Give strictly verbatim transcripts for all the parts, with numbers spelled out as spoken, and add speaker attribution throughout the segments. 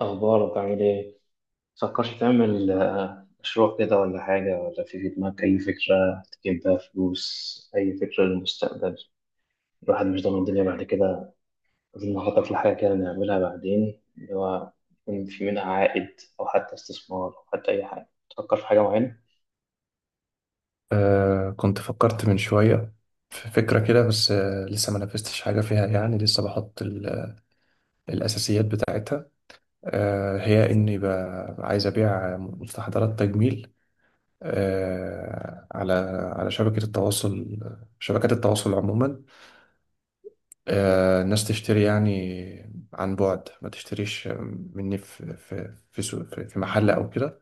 Speaker 1: أخبارك عامل إيه؟ متفكرش تعمل آه، مشروع كده ولا حاجة، ولا في في دماغك أي فكرة تجيب بيها فلوس، أي فكرة للمستقبل؟ الواحد مش ضامن الدنيا بعد كده، لازم نخطط لحاجة كده نعملها بعدين، اللي هو يكون في منها عائد أو حتى استثمار، أو حتى أي حاجة. تفكر في حاجة معينة؟
Speaker 2: آه، كنت فكرت من شوية في فكرة كده. بس آه لسه ما نفذتش حاجة فيها، يعني لسه بحط ال- الأساسيات بتاعتها. آه هي إني ب- عايز أبيع مستحضرات تجميل، آه على على شبكة التواصل، شبكات التواصل عموما. آه الناس تشتري يعني عن بعد، ما تشتريش مني في في في, سوق- في في محل أو كده.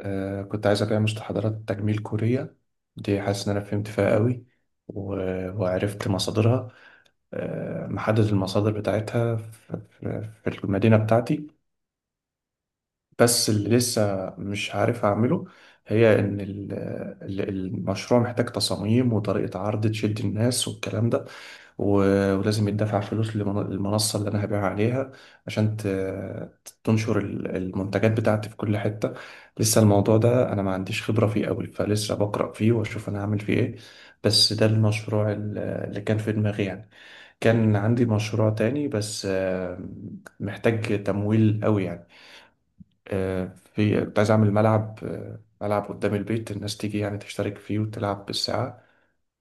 Speaker 2: آه كنت عايز أبيع مستحضرات تجميل كورية، دي حاسس إن أنا فهمت فيها قوي و- وعرفت مصادرها. آه محدد المصادر بتاعتها في, في في المدينة بتاعتي. بس اللي لسه مش عارف أعمله هي إن ال- ال- المشروع محتاج تصاميم وطريقة عرض تشد الناس والكلام ده. و- ولازم يدفع فلوس لمن- للمنصة اللي أنا هبيع عليها عشان ت- ت- تنشر ال- المنتجات بتاعتي في كل حتة. لسه الموضوع ده أنا ما عنديش خبرة فيه أوي، فلسه بقرأ فيه وأشوف أنا هعمل فيه إيه. بس ده المشروع ال- اللي كان في دماغي يعني. كان عندي مشروع تاني بس، آه، محتاج تمويل أوي يعني. آه، في كنت عايز أعمل ملعب، آه، ملعب قدام البيت الناس تيجي يعني تشترك فيه وتلعب بالساعة.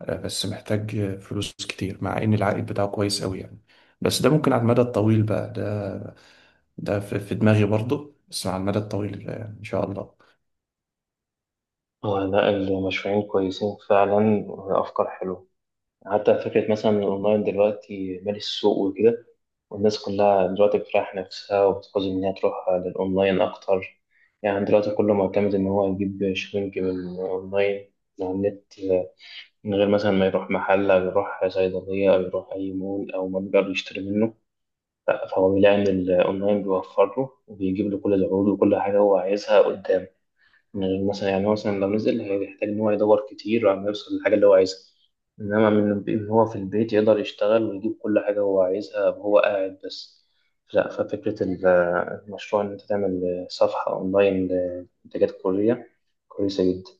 Speaker 2: آه، بس محتاج فلوس كتير مع ان العائد بتاعه كويس قوي يعني. بس ده ممكن على المدى الطويل بقى ده. ده في في دماغي برضه بس على المدى الطويل يعني ان شاء الله.
Speaker 1: آه، لا، المشروعين كويسين فعلا وأفكار حلوة. حتى فكرة مثلا الأونلاين دلوقتي مالي السوق وكده، والناس كلها دلوقتي بتريح نفسها وبتقصد إن هي تروح للأونلاين أكتر. يعني دلوقتي كله معتمد إن هو يجيب شوينج من أونلاين، من على النت، من غير مثلا ما يروح محل أو يروح صيدلية أو يروح أي مول أو متجر يشتري منه. لأ، فهو بيلاقي إن الأونلاين بيوفر له وبيجيب له كل العروض وكل حاجة هو عايزها قدامه. من مثلا يعني هو مثلا لو نزل هيحتاج إن هو يدور كتير عشان يوصل للحاجة اللي هو عايزها، إنما من الب- إن هو في البيت يقدر يشتغل ويجيب كل حاجة هو عايزها وهو قاعد بس. لا، ففكرة ال- المشروع إن أنت تعمل صفحة أونلاين لمنتجات كورية كويسة جدا.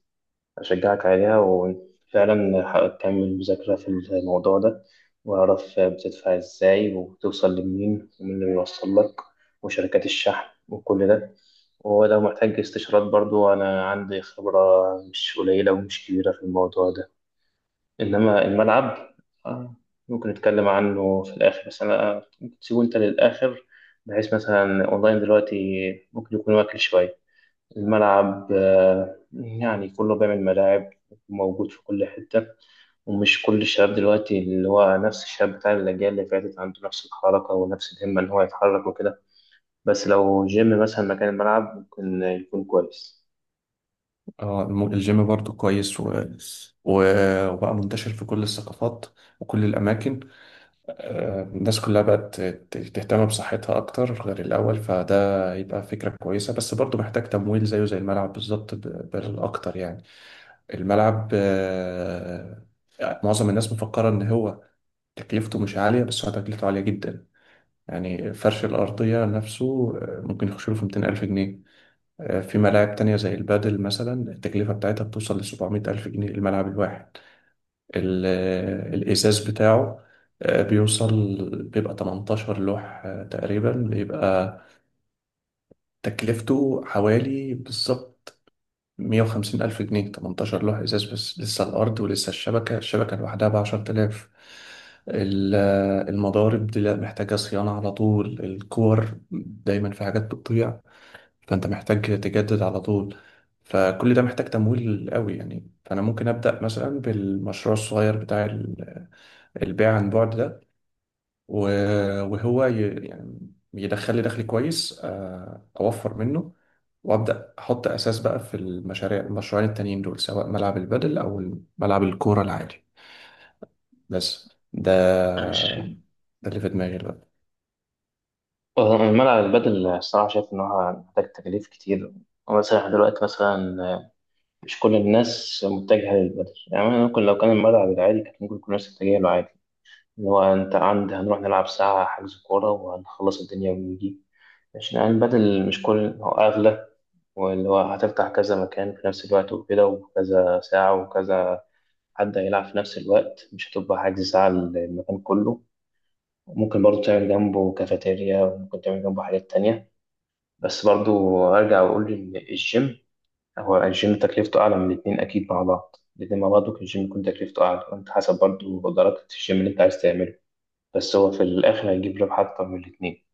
Speaker 1: أشجعك عليها، وفعلا ح- تكمل مذاكرة في الموضوع ده، وأعرف بتدفع إزاي وتوصل لمين ومين اللي بيوصل لك وشركات الشحن وكل ده. ولو محتاج استشارات برضو أنا عندي خبرة مش قليلة ومش كبيرة في الموضوع ده. إنما الملعب، آه، ممكن نتكلم عنه في الآخر، بس أنا ممكن تسيبه أنت للآخر، بحيث مثلا أونلاين دلوقتي ممكن يكون واكل شوية. الملعب، آه، يعني كله بيعمل ملاعب، موجود في كل حتة. ومش كل الشباب دلوقتي اللي هو نفس الشباب بتاع الأجيال اللي فاتت عنده نفس الحركة ونفس الهمة إن هو يتحرك وكده، بس لو جيم مثلا مكان الملعب ممكن يكون كويس.
Speaker 2: اه، الم- الجيم برضه كويس و... و... وبقى منتشر في كل الثقافات وكل الاماكن. آه، الناس كلها بقت ت- تهتم بصحتها اكتر غير الاول، فده يبقى فكرة كويسة بس برضه محتاج تمويل زيه زي الملعب بالظبط، ب- بل اكتر يعني. الملعب، آه، معظم الناس مفكرة ان هو تكلفته مش عالية بس هو تكلفته عالية جدا. يعني فرش الأرضية نفسه آه، ممكن يخش له في مئتين ألف جنيه. آه، في ملاعب تانية زي البادل مثلا التكلفة بتاعتها بتوصل ل سبعمائة ألف جنيه الملعب الواحد. ال- آه، الإزاز بتاعه آه، بيوصل، بيبقى تمنتاشر لوح آه، تقريبا، بيبقى تكلفته حوالي بالظبط مية وخمسين ألف جنيه، تمنتاشر لوح إزاز. بس لسه الأرض ولسه الشبكة الشبكة لوحدها بعشرة آلاف. ال- المضارب دي لا محتاجة صيانة على طول، الكور دايما في حاجات بتضيع، فأنت محتاج تجدد على طول. فكل ده محتاج تمويل قوي يعني. فأنا ممكن أبدأ مثلا بالمشروع الصغير بتاع ال- البيع عن بعد ده، و- وهو ي- يعني يدخل لي دخل كويس، آه، اوفر منه. وابدا احط اساس بقى في المشاريع، المشروعين التانيين دول سواء ملعب البادل او ملعب الكوره العادي. بس ده،
Speaker 1: ماشي.
Speaker 2: ده اللي في دماغي دلوقتي.
Speaker 1: آه، الملعب البدل الصراحة شايف إن هو محتاج تكاليف كتير. مثلا إحنا دلوقتي مثلا، آه، مش كل الناس متجهة للبدل. يعني ممكن لو كان الملعب العادي كانت ممكن كل الناس تتجه له عادي. اللي هو انت عند هنروح نلعب ساعة، حجز كورة، وهنخلص الدنيا ونيجي. عشان يعني البدل مش كل هو أغلى، واللي هو هتفتح كذا مكان في نفس الوقت وكده، وكذا ساعة وكذا حد هيلعب في نفس الوقت، مش هتبقى حجز ساعة المكان كله. ممكن برضو تعمل جنبه كافيتيريا، وممكن تعمل جنبه حاجات تانية. بس برضو أرجع وأقول إن الجيم، هو الجيم تكلفته أعلى من الاتنين أكيد. مع بعض الاتنين مع بعض ممكن الجيم يكون تكلفته أعلى، وأنت حسب برضو درجة الجيم اللي أنت عايز تعمله. بس هو في الآخر هيجيب ربح أكتر من الاتنين.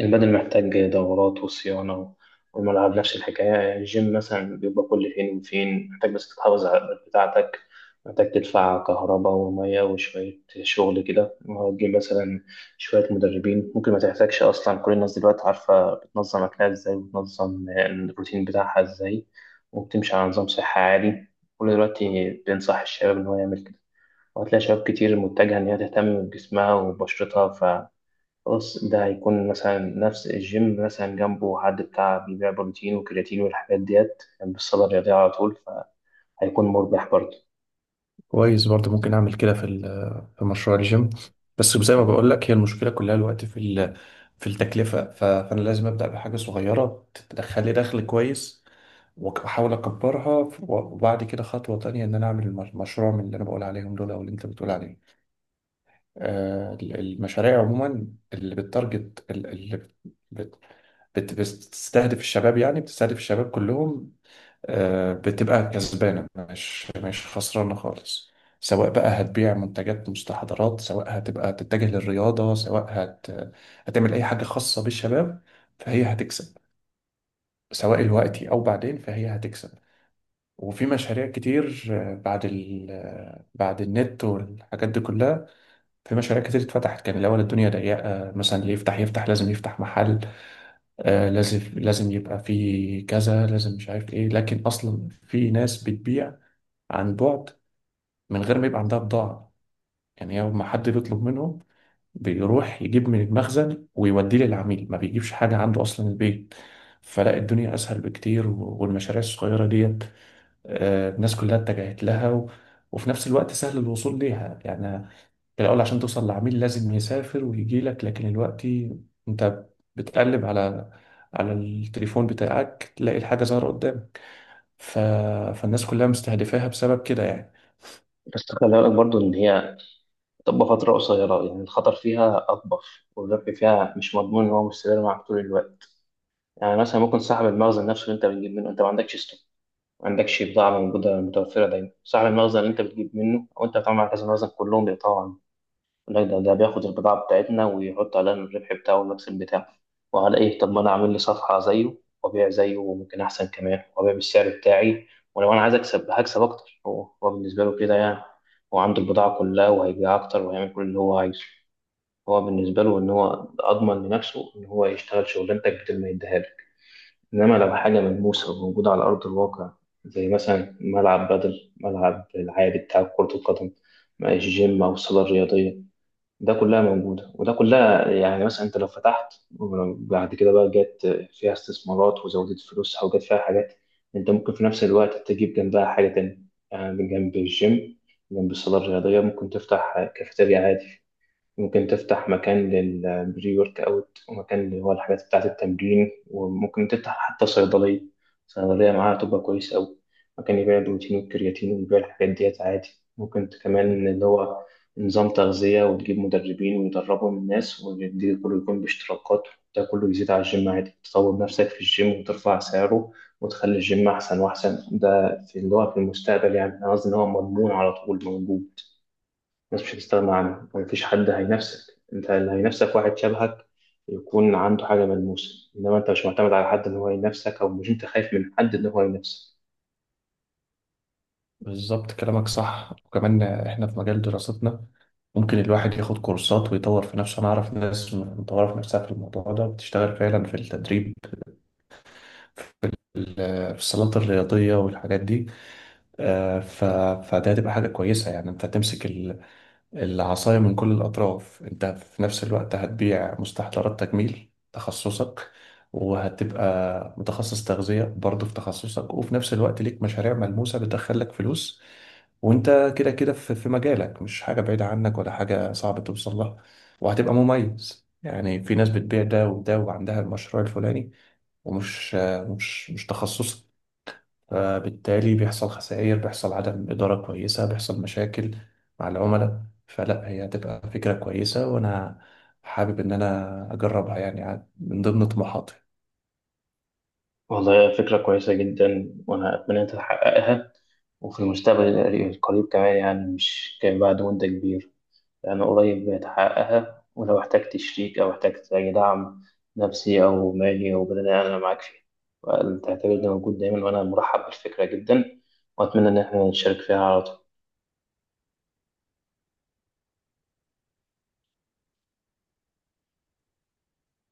Speaker 1: البدن محتاج دورات وصيانة، والملعب نفس الحكاية. يعني الجيم مثلا بيبقى كل فين وفين محتاج بس تحافظ على الأوقات بتاعتك، محتاج تدفع كهرباء ومية وشوية شغل كده. وهتجيب مثلا شوية مدربين، ممكن ما تحتاجش أصلا. كل الناس دلوقتي عارفة بتنظم أكلها إزاي، وبتنظم الروتين بتاعها إزاي، وبتمشي على نظام صحي عالي. كل دلوقتي بينصح الشباب إن هو يعمل كده، وهتلاقي شباب كتير متجهة إن هي تهتم بجسمها وبشرتها. فخلاص ده هيكون مثلا نفس الجيم مثلا جنبه حد بتاع بيبيع بروتين وكرياتين والحاجات ديت جنب الصالة الرياضية على طول، فهيكون مربح برضه.
Speaker 2: كويس برضه، ممكن اعمل كده في ال- في مشروع الجيم. بس زي ما بقول لك، هي المشكله كلها الوقت في ال- في التكلفه، ف- فانا لازم ابدا بحاجه صغيره تدخل لي دخل كويس، وأك- واحاول اكبرها، و- وبعد كده خطوه تانية ان انا اعمل الم- مشروع من اللي انا بقول عليهم دول او اللي انت بتقول عليهم. آه، ال- المشاريع عموما، اللي بالتارجت، اللي بت- بت- بتستهدف الشباب، يعني بتستهدف الشباب كلهم، آه، بتبقى كسبانة، مش مش خسرانة خالص. سواء بقى هتبيع منتجات مستحضرات، سواء هتبقى تتجه للرياضة، سواء هت... هتعمل أي حاجة خاصة بالشباب، فهي هتكسب، سواء دلوقتي أو بعدين فهي هتكسب. وفي مشاريع كتير، آه، بعد ال... آه، بعد النت والحاجات دي كلها، في مشاريع كتير اتفتحت. كان الأول الدنيا ضيقة مثلا، اللي يفتح يفتح لازم يفتح محل، آه، لازم لازم يبقى في كذا، لازم مش عارف ايه. لكن اصلا في ناس بتبيع عن بعد من غير ما يبقى عندها بضاعة، يعني يوم ما حد بيطلب منهم بيروح يجيب من المخزن ويوديه للعميل، ما بيجيبش حاجة عنده أصلا البيت. فلا الدنيا أسهل بكتير، و- والمشاريع الصغيرة ديت، آه، الناس كلها اتجهت لها، و- وفي نفس الوقت سهل الوصول ليها يعني. الأول عشان توصل لعميل لازم يسافر ويجي لك، لكن دلوقتي أنت بتقلب على على التليفون بتاعك تلاقي الحاجة ظاهرة قدامك. ف... فالناس كلها مستهدفاها بسبب كده يعني.
Speaker 1: بس خلي بالك برضه إن هي تبقى فترة قصيرة، يعني الخطر فيها أطبخ، والربح فيها مش مضمون إن هو مستمر معاك طول الوقت. يعني مثلا ممكن صاحب المخزن نفسه اللي أنت بتجيب منه، أنت ما عندكش ستوك، ما عندكش بضاعة موجودة متوفرة دايما، صاحب المخزن اللي أنت بتجيب منه أو أنت بتعمل على كذا مخزن كلهم بيقطعوا عنك. لا، ده, ده بياخد البضاعة بتاعتنا ويحط عليها الربح بتاعه والمكسب بتاعه. وعلى إيه؟ طب ما أنا أعمل لي صفحة زيه وأبيع زيه، وممكن أحسن كمان، وأبيع بالسعر بتاعي. ولو أنا عايز أكسب هكسب أكتر. هو هو بالنسبة له كده يعني، هو عنده البضاعة كلها وهيبيع أكتر وهيعمل كل اللي هو عايزه. هو بالنسبة له إن هو أضمن لنفسه إن هو يشتغل شغلانتك بدل ما يديها لك. إنما لو حاجة ملموسة وموجودة على أرض الواقع، زي مثلا ملعب بدل، ملعب العادي بتاع كرة القدم، جيم أو صالة رياضية، ده كلها موجودة، وده كلها يعني مثلا أنت لو فتحت، وبعد كده بقى جت فيها استثمارات وزودت فلوسها وجت فيها حاجات، أنت ممكن في نفس الوقت تجيب جنبها حاجة تانية. يعني جنب الجيم، جنب الصالة الرياضية ممكن تفتح كافيتيريا عادي، ممكن تفتح مكان للبري ورك اوت ومكان اللي هو الحاجات بتاعة التمرين، وممكن تفتح حتى صيدلية. صيدلية معاها تبقى كويس أوي. مكان يبيع البروتين والكرياتين ويبيع الحاجات ديت عادي. ممكن كمان اللي هو نظام تغذية وتجيب مدربين ويدربوا الناس، وده كله يكون باشتراكات. ده كله يزيد على الجيم عادي، تطور نفسك في الجيم وترفع سعره وتخلي الجيم أحسن وأحسن. ده في اللي هو في المستقبل، يعني أنا قصدي إن هو مضمون على طول موجود. الناس مش هتستغنى عنه، ومفيش حد هينافسك. انت اللي هينافسك واحد شبهك يكون عنده حاجة ملموسة، انما انت مش معتمد على حد ان هو ينافسك، او مش انت خايف من حد ان هو ينافسك.
Speaker 2: بالظبط كلامك صح، وكمان إحنا في مجال دراستنا ممكن الواحد ياخد كورسات ويطور في نفسه. أنا أعرف ناس مطورة في نفسها في الموضوع ده بتشتغل فعلا في التدريب، في ال- في الصالات الرياضية والحاجات دي. آه، ف... فده هتبقى حاجة كويسة يعني، أنت تمسك العصاية من كل الأطراف. أنت في نفس الوقت هتبيع مستحضرات تجميل تخصصك، وهتبقى متخصص تغذية برضه في تخصصك، وفي نفس الوقت ليك مشاريع ملموسة بتدخلك فلوس. وأنت كده كده في في مجالك، مش حاجة بعيدة عنك ولا حاجة صعب توصل لها، وهتبقى مميز. يعني في ناس بتبيع ده وده وعندها المشروع الفلاني، ومش مش مش تخصصك، فبالتالي بيحصل خسائر، بيحصل عدم إدارة كويسة، بيحصل مشاكل مع العملاء. فلا هي هتبقى فكرة كويسة، وأنا حابب إن أنا أجربها يعني من ضمن طموحاتي.
Speaker 1: والله فكرة كويسة جدا، وانا اتمنى انت تحققها وفي المستقبل القريب كمان، يعني مش كان بعد مدة كبيرة، انا قريب هتحققها. ولو احتجت شريك او احتجت اي دعم نفسي او مالي او بدني انا معاك فيه. تعتبرني موجود دايما، وانا مرحب بالفكرة جدا، واتمنى ان احنا نشارك فيها على طول.